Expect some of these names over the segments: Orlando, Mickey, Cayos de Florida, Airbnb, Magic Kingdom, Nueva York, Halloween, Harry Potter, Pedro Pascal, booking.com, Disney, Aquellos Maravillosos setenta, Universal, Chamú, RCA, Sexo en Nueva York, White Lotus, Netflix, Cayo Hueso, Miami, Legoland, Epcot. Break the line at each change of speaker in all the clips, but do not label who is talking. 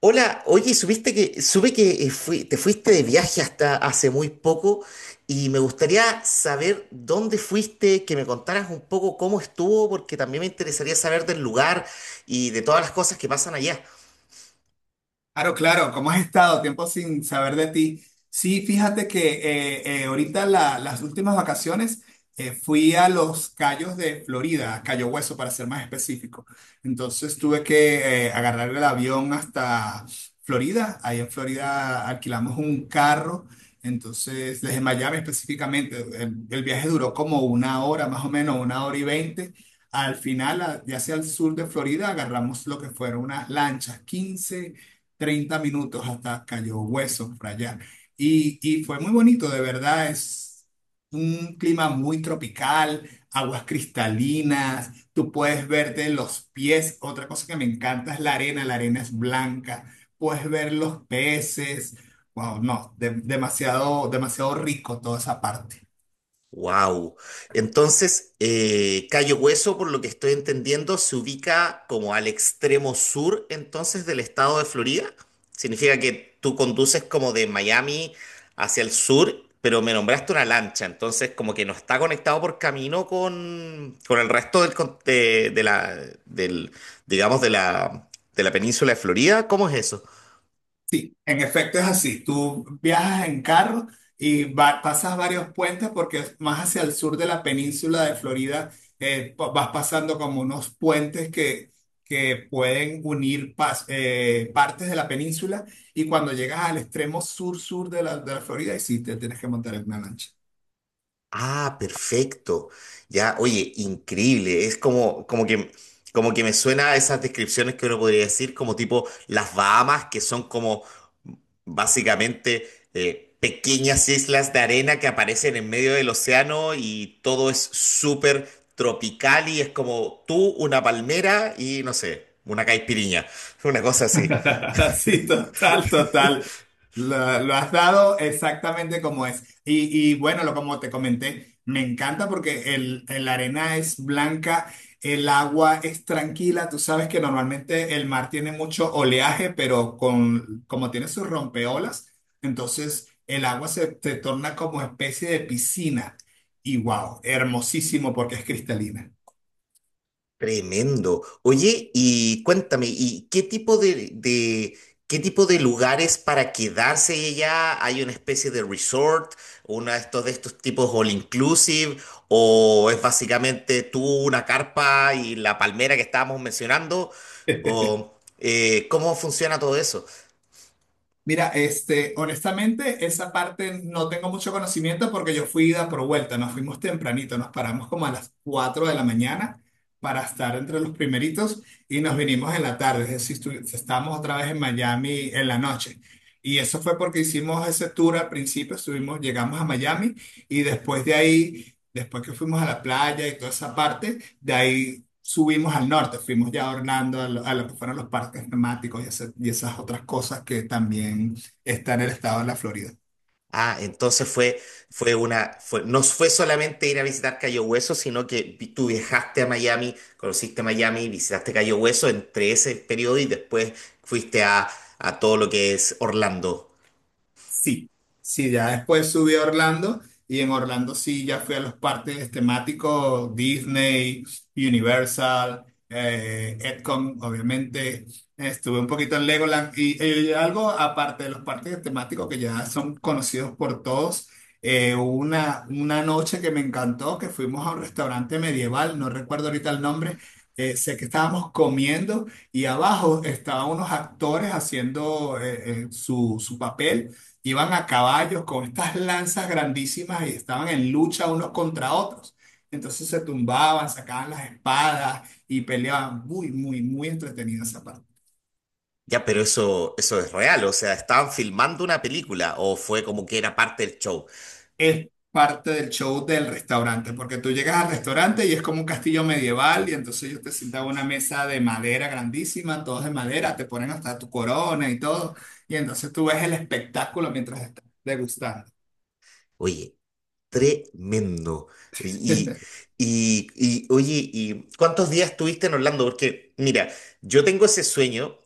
Hola, oye, supe que te fuiste de viaje hasta hace muy poco y me gustaría saber dónde fuiste, que me contaras un poco cómo estuvo, porque también me interesaría saber del lugar y de todas las cosas que pasan allá.
Claro, claro, ¿cómo has estado? Tiempo sin saber de ti. Sí, fíjate que ahorita las últimas vacaciones fui a los Cayos de Florida, a Cayo Hueso para ser más específico. Entonces tuve que agarrar el avión hasta Florida. Ahí en Florida alquilamos un carro. Entonces, desde Miami específicamente, el viaje duró como una hora, más o menos, una hora y veinte. Al final, ya hacia el sur de Florida, agarramos lo que fueron unas lanchas, 15. 30 minutos hasta Cayo Hueso, para allá. Y fue muy bonito, de verdad, es un clima muy tropical, aguas cristalinas, tú puedes verte los pies, otra cosa que me encanta es la arena es blanca, puedes ver los peces, wow, no, demasiado, demasiado rico toda esa parte.
Wow. Entonces, Cayo Hueso, por lo que estoy entendiendo, se ubica como al extremo sur entonces del estado de Florida. Significa que tú conduces como de Miami hacia el sur, pero me nombraste una lancha, entonces como que no está conectado por camino con el resto del, con- de la, del, digamos, de la península de Florida. ¿Cómo es eso?
Sí, en efecto es así. Tú viajas en carro y pasas varios puentes porque es más hacia el sur de la península de Florida vas pasando como unos puentes que pueden unir partes de la península y cuando llegas al extremo sur-sur de de la Florida, y sí, te tienes que montar en una lancha.
Ah, perfecto. Ya, oye, increíble. Es como que me suena a esas descripciones que uno podría decir, como tipo las Bahamas, que son como básicamente pequeñas islas de arena que aparecen en medio del océano y todo es súper tropical y es como tú, una palmera y no sé, una caipiriña, una cosa así.
Sí, total, total. Lo has dado exactamente como es. Y bueno, lo, como te comenté, me encanta porque el arena es blanca, el agua es tranquila. Tú sabes que normalmente el mar tiene mucho oleaje, pero con, como tiene sus rompeolas, entonces el agua se torna como especie de piscina. Y wow, hermosísimo porque es cristalina.
Tremendo. Oye, y cuéntame, ¿y qué tipo qué tipo de lugares para quedarse allá? ¿Hay una especie de resort, uno de estos tipos all inclusive, o es básicamente tú una carpa y la palmera que estábamos mencionando? ¿O cómo funciona todo eso?
Mira, este, honestamente, esa parte no tengo mucho conocimiento porque yo fui ida por vuelta, nos fuimos tempranito, nos paramos como a las 4 de la mañana para estar entre los primeritos y nos vinimos en la tarde, es decir, estábamos otra vez en Miami en la noche. Y eso fue porque hicimos ese tour al principio, estuvimos, llegamos a Miami y después de ahí, después que fuimos a la playa y toda esa parte, de ahí subimos al norte, fuimos ya a Orlando, a lo que fueron los parques temáticos y, y esas otras cosas que también están en el estado de la Florida.
Ah, no fue solamente ir a visitar Cayo Hueso, sino que tú viajaste a Miami, conociste Miami, visitaste Cayo Hueso entre ese periodo y después fuiste a todo lo que es Orlando.
Sí, sí, ya después subí a Orlando y en Orlando sí ya fui a los parques temáticos Disney, Universal, Epcot, obviamente. Estuve un poquito en Legoland y, algo aparte de los parques temáticos que ya son conocidos por todos. Hubo una noche que me encantó, que fuimos a un restaurante medieval, no recuerdo ahorita el nombre, sé que estábamos comiendo y abajo estaban unos actores haciendo su papel. Iban a caballos con estas lanzas grandísimas y estaban en lucha unos contra otros. Entonces se tumbaban, sacaban las espadas y peleaban. Muy, muy, muy entretenida esa parte.
Ya, pero eso es real, o sea, ¿estaban filmando una película o fue como que era parte del show?
Es parte del show del restaurante, porque tú llegas al restaurante y es como un castillo medieval y entonces ellos te sientan a una mesa de madera grandísima, todos de madera, te ponen hasta tu corona y todo. Y entonces tú ves el espectáculo mientras estás degustando.
Oye. Tremendo. Y, oye, ¿y cuántos días estuviste en Orlando? Porque, mira, yo tengo ese sueño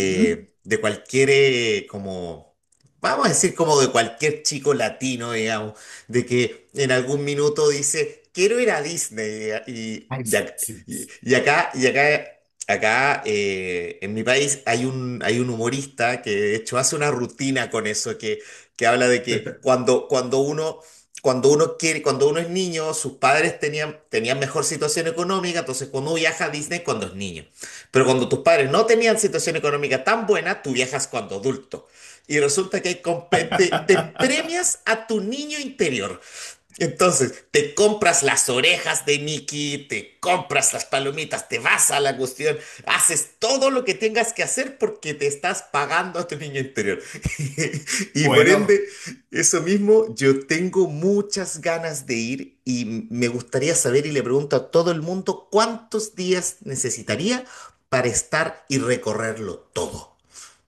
Ujú.
de cualquier, vamos a decir, como de cualquier chico latino, digamos, de que en algún minuto dice, quiero ir a Disney. Y,
Ay,
y, ac-
sí.
y- y acá, y acá, acá en mi país hay un humorista que de hecho hace una rutina con eso, que habla de que cuando uno quiere, cuando uno es niño, sus padres tenían, tenían mejor situación económica, entonces cuando uno viaja a Disney cuando es niño. Pero cuando tus padres no tenían situación económica tan buena, tú viajas cuando adulto. Y resulta que hay te premias a tu niño interior. Entonces, te compras las orejas de Mickey, te compras las palomitas, te vas a la cuestión, haces todo lo que tengas que hacer porque te estás pagando a tu niño interior. Y por ende,
Bueno,
eso mismo, yo tengo muchas ganas de ir y me gustaría saber y le pregunto a todo el mundo cuántos días necesitaría para estar y recorrerlo todo.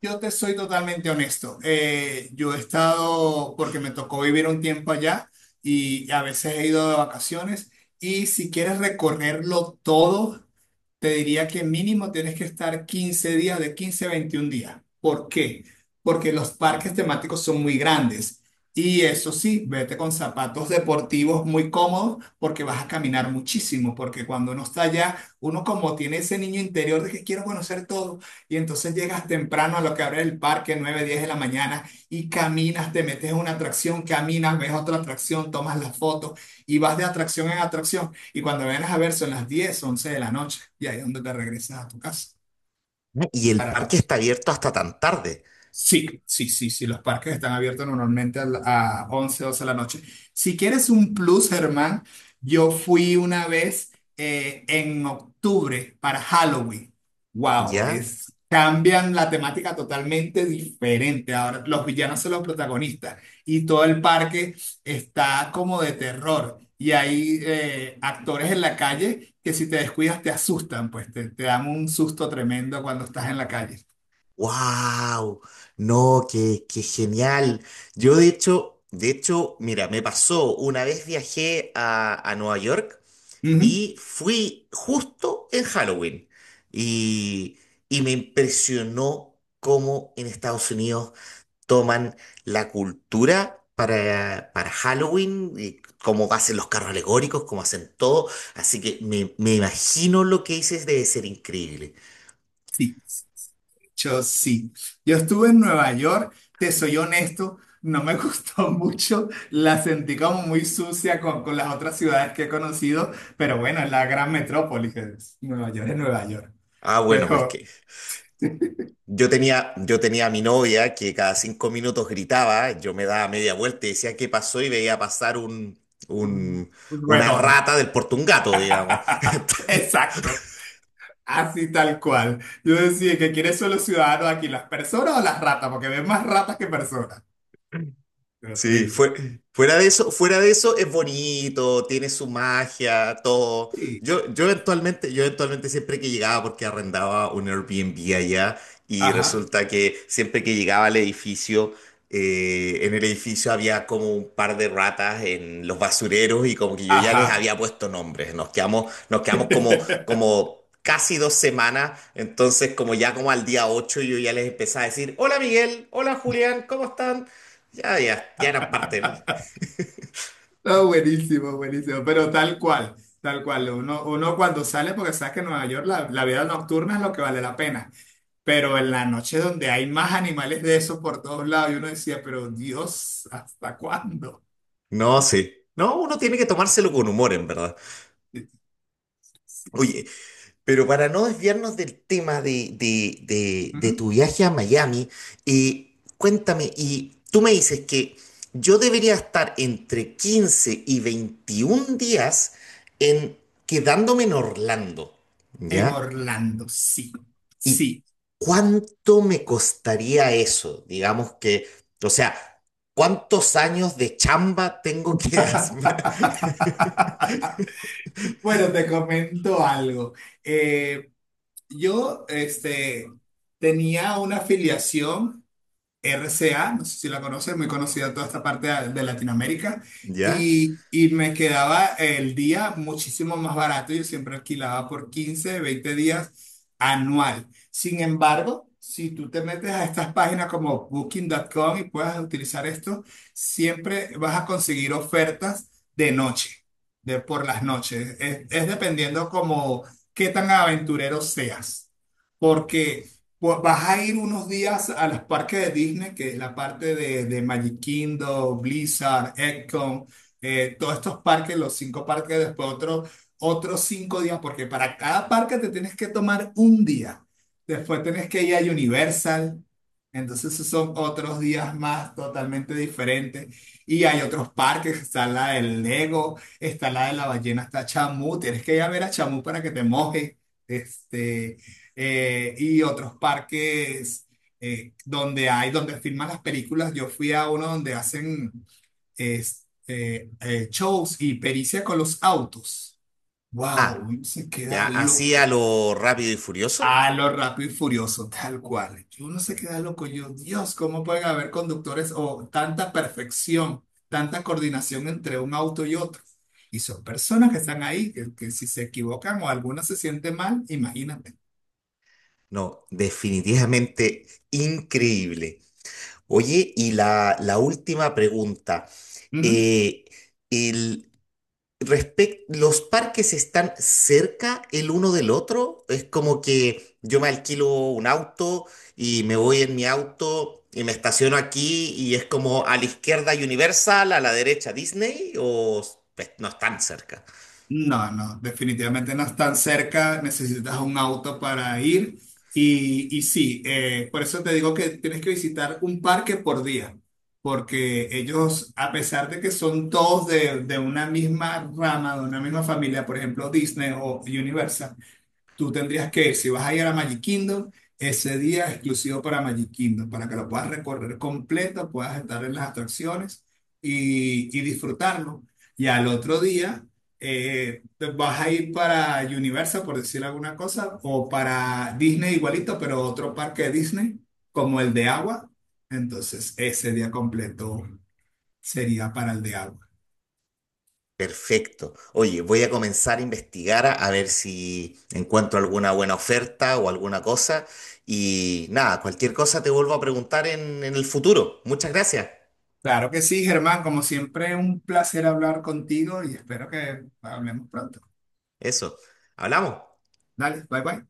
yo te soy totalmente honesto. Yo he estado, porque me tocó vivir un tiempo allá y a veces he ido de vacaciones y si quieres recorrerlo todo. Te diría que mínimo tienes que estar 15 días, de 15 a 21 días. ¿Por qué? Porque los parques temáticos son muy grandes. Y eso sí, vete con zapatos deportivos muy cómodos porque vas a caminar muchísimo, porque cuando uno está allá, uno como tiene ese niño interior de que quiero conocer todo, y entonces llegas temprano a lo que abre el parque, 9, 10 de la mañana, y caminas, te metes en una atracción, caminas, ves otra atracción, tomas las fotos y vas de atracción en atracción. Y cuando vienes a ver son las 10 11 de la noche y ahí es donde te regresas a tu casa
¿Y el
para el
parque
otro.
está abierto hasta tan tarde,
Sí, sí, sí, sí, los parques están abiertos normalmente a, a 11, 12 de la noche. Si quieres un plus, Germán, yo fui una vez en octubre para Halloween. Wow,
ya?
es, cambian la temática totalmente diferente. Ahora los villanos son los protagonistas y todo el parque está como de terror. Y hay actores en la calle que si te descuidas te asustan, pues te dan un susto tremendo cuando estás en la calle.
¡Wow! No, qué, qué genial. Yo de hecho, mira, me pasó, una vez viajé a Nueva York y fui justo en Halloween y, y me impresionó cómo en Estados Unidos toman la cultura para Halloween, y cómo hacen los carros alegóricos, cómo hacen todo. Así que me imagino lo que dices debe ser increíble.
Sí, yo sí. Yo estuve en Nueva York, te soy honesto, no me gustó mucho, la sentí como muy sucia con las otras ciudades que he conocido, pero bueno, es la gran metrópolis, Nueva York es Nueva York,
Ah, bueno, pues
pero
que... yo tenía a mi novia que cada 5 minutos gritaba, yo me daba media vuelta y decía qué pasó y veía pasar
mm,
un- una
roedor.
rata del porte un gato, digamos.
Exacto, así tal cual. Yo decía que quieres solo ciudadanos aquí, las personas o las ratas, porque ven más ratas que personas.
Sí,
Horrible.
fuera de eso es bonito, tiene su magia, todo.
Sí.
Yo eventualmente siempre que llegaba, porque arrendaba un Airbnb allá, y
Ajá,
resulta que siempre que llegaba al edificio en el edificio había como un par de ratas en los basureros y como que yo ya les
ajá.
había puesto nombres. Nos quedamos como casi 2 semanas. Entonces, como ya como al día 8 yo ya les empecé a decir, hola Miguel, hola Julián, ¿cómo están? Ya eran parte del...
No, buenísimo, buenísimo, pero tal cual, tal cual. Uno, uno cuando sale, porque sabes que en Nueva York la vida nocturna es lo que vale la pena, pero en la noche donde hay más animales de esos por todos lados, y uno decía, pero Dios, ¿hasta cuándo?
No, sí. No, uno tiene que tomárselo con humor, en verdad.
Sí, sí. Sí.
Oye, pero para no desviarnos del tema de
Ujú.
tu viaje a Miami, cuéntame, y tú me dices que yo debería estar entre 15 y 21 días en quedándome en Orlando,
En
¿ya?
Orlando, sí,
¿Y
sí.
cuánto me costaría eso? Digamos que, o sea, ¿cuántos años de chamba tengo que hacer?
Bueno, te comento algo. Eh, yo, este, tenía una afiliación. RCA, no sé si la conoces, muy conocida toda esta parte de Latinoamérica,
¿Ya?
y me quedaba el día muchísimo más barato, yo siempre alquilaba por 15, 20 días anual. Sin embargo, si tú te metes a estas páginas como booking.com y puedas utilizar esto, siempre vas a conseguir ofertas de noche, de por las noches. Es dependiendo como qué tan aventurero seas. Porque pues vas a ir unos días a los parques de Disney, que es la parte de Magic Kingdom, Blizzard, Epcot, todos estos parques, los cinco parques, otros cinco días, porque para cada parque te tienes que tomar un día. Después tienes que ir a Universal, entonces esos son otros días más totalmente diferentes. Y hay otros parques, está la del Lego, está la de la ballena, está Chamú, tienes que ir a ver a Chamú para que te mojes. Este, y otros parques donde hay, donde filman las películas. Yo fui a uno donde hacen shows y pericia con los autos. ¡Wow!
Ah,
Uno se
ya,
queda
así a
loco.
lo rápido y furioso.
A lo rápido y furioso, tal cual. Uno se queda loco. Yo, Dios, ¿cómo pueden haber conductores o tanta perfección, tanta coordinación entre un auto y otro? Y son personas que están ahí, que si se equivocan o alguna se siente mal, imagínate.
No, definitivamente increíble. Oye, y la última pregunta. Eh, el, ¿Los parques están cerca el uno del otro? Es como que yo me alquilo un auto y me voy en mi auto y me estaciono aquí y es como a la izquierda Universal, a la derecha Disney o pues, no están cerca.
No, no, definitivamente no es tan cerca, necesitas un auto para ir y sí, por eso te digo que tienes que visitar un parque por día, porque ellos, a pesar de que son todos de una misma rama, de una misma familia, por ejemplo Disney o Universal, tú tendrías que ir, si vas a ir a Magic Kingdom, ese día es exclusivo para Magic Kingdom, para que lo puedas recorrer completo, puedas estar en las atracciones y disfrutarlo. Y al otro día te vas a ir para Universal, por decir alguna cosa, o para Disney igualito, pero otro parque de Disney, como el de agua. Entonces, ese día completo sería para el de agua.
Perfecto. Oye, voy a comenzar a investigar a ver si encuentro alguna buena oferta o alguna cosa. Y nada, cualquier cosa te vuelvo a preguntar en el futuro. Muchas gracias.
Claro que sí, Germán, como siempre, un placer hablar contigo y espero que hablemos pronto.
Eso. Hablamos.
Dale, bye bye.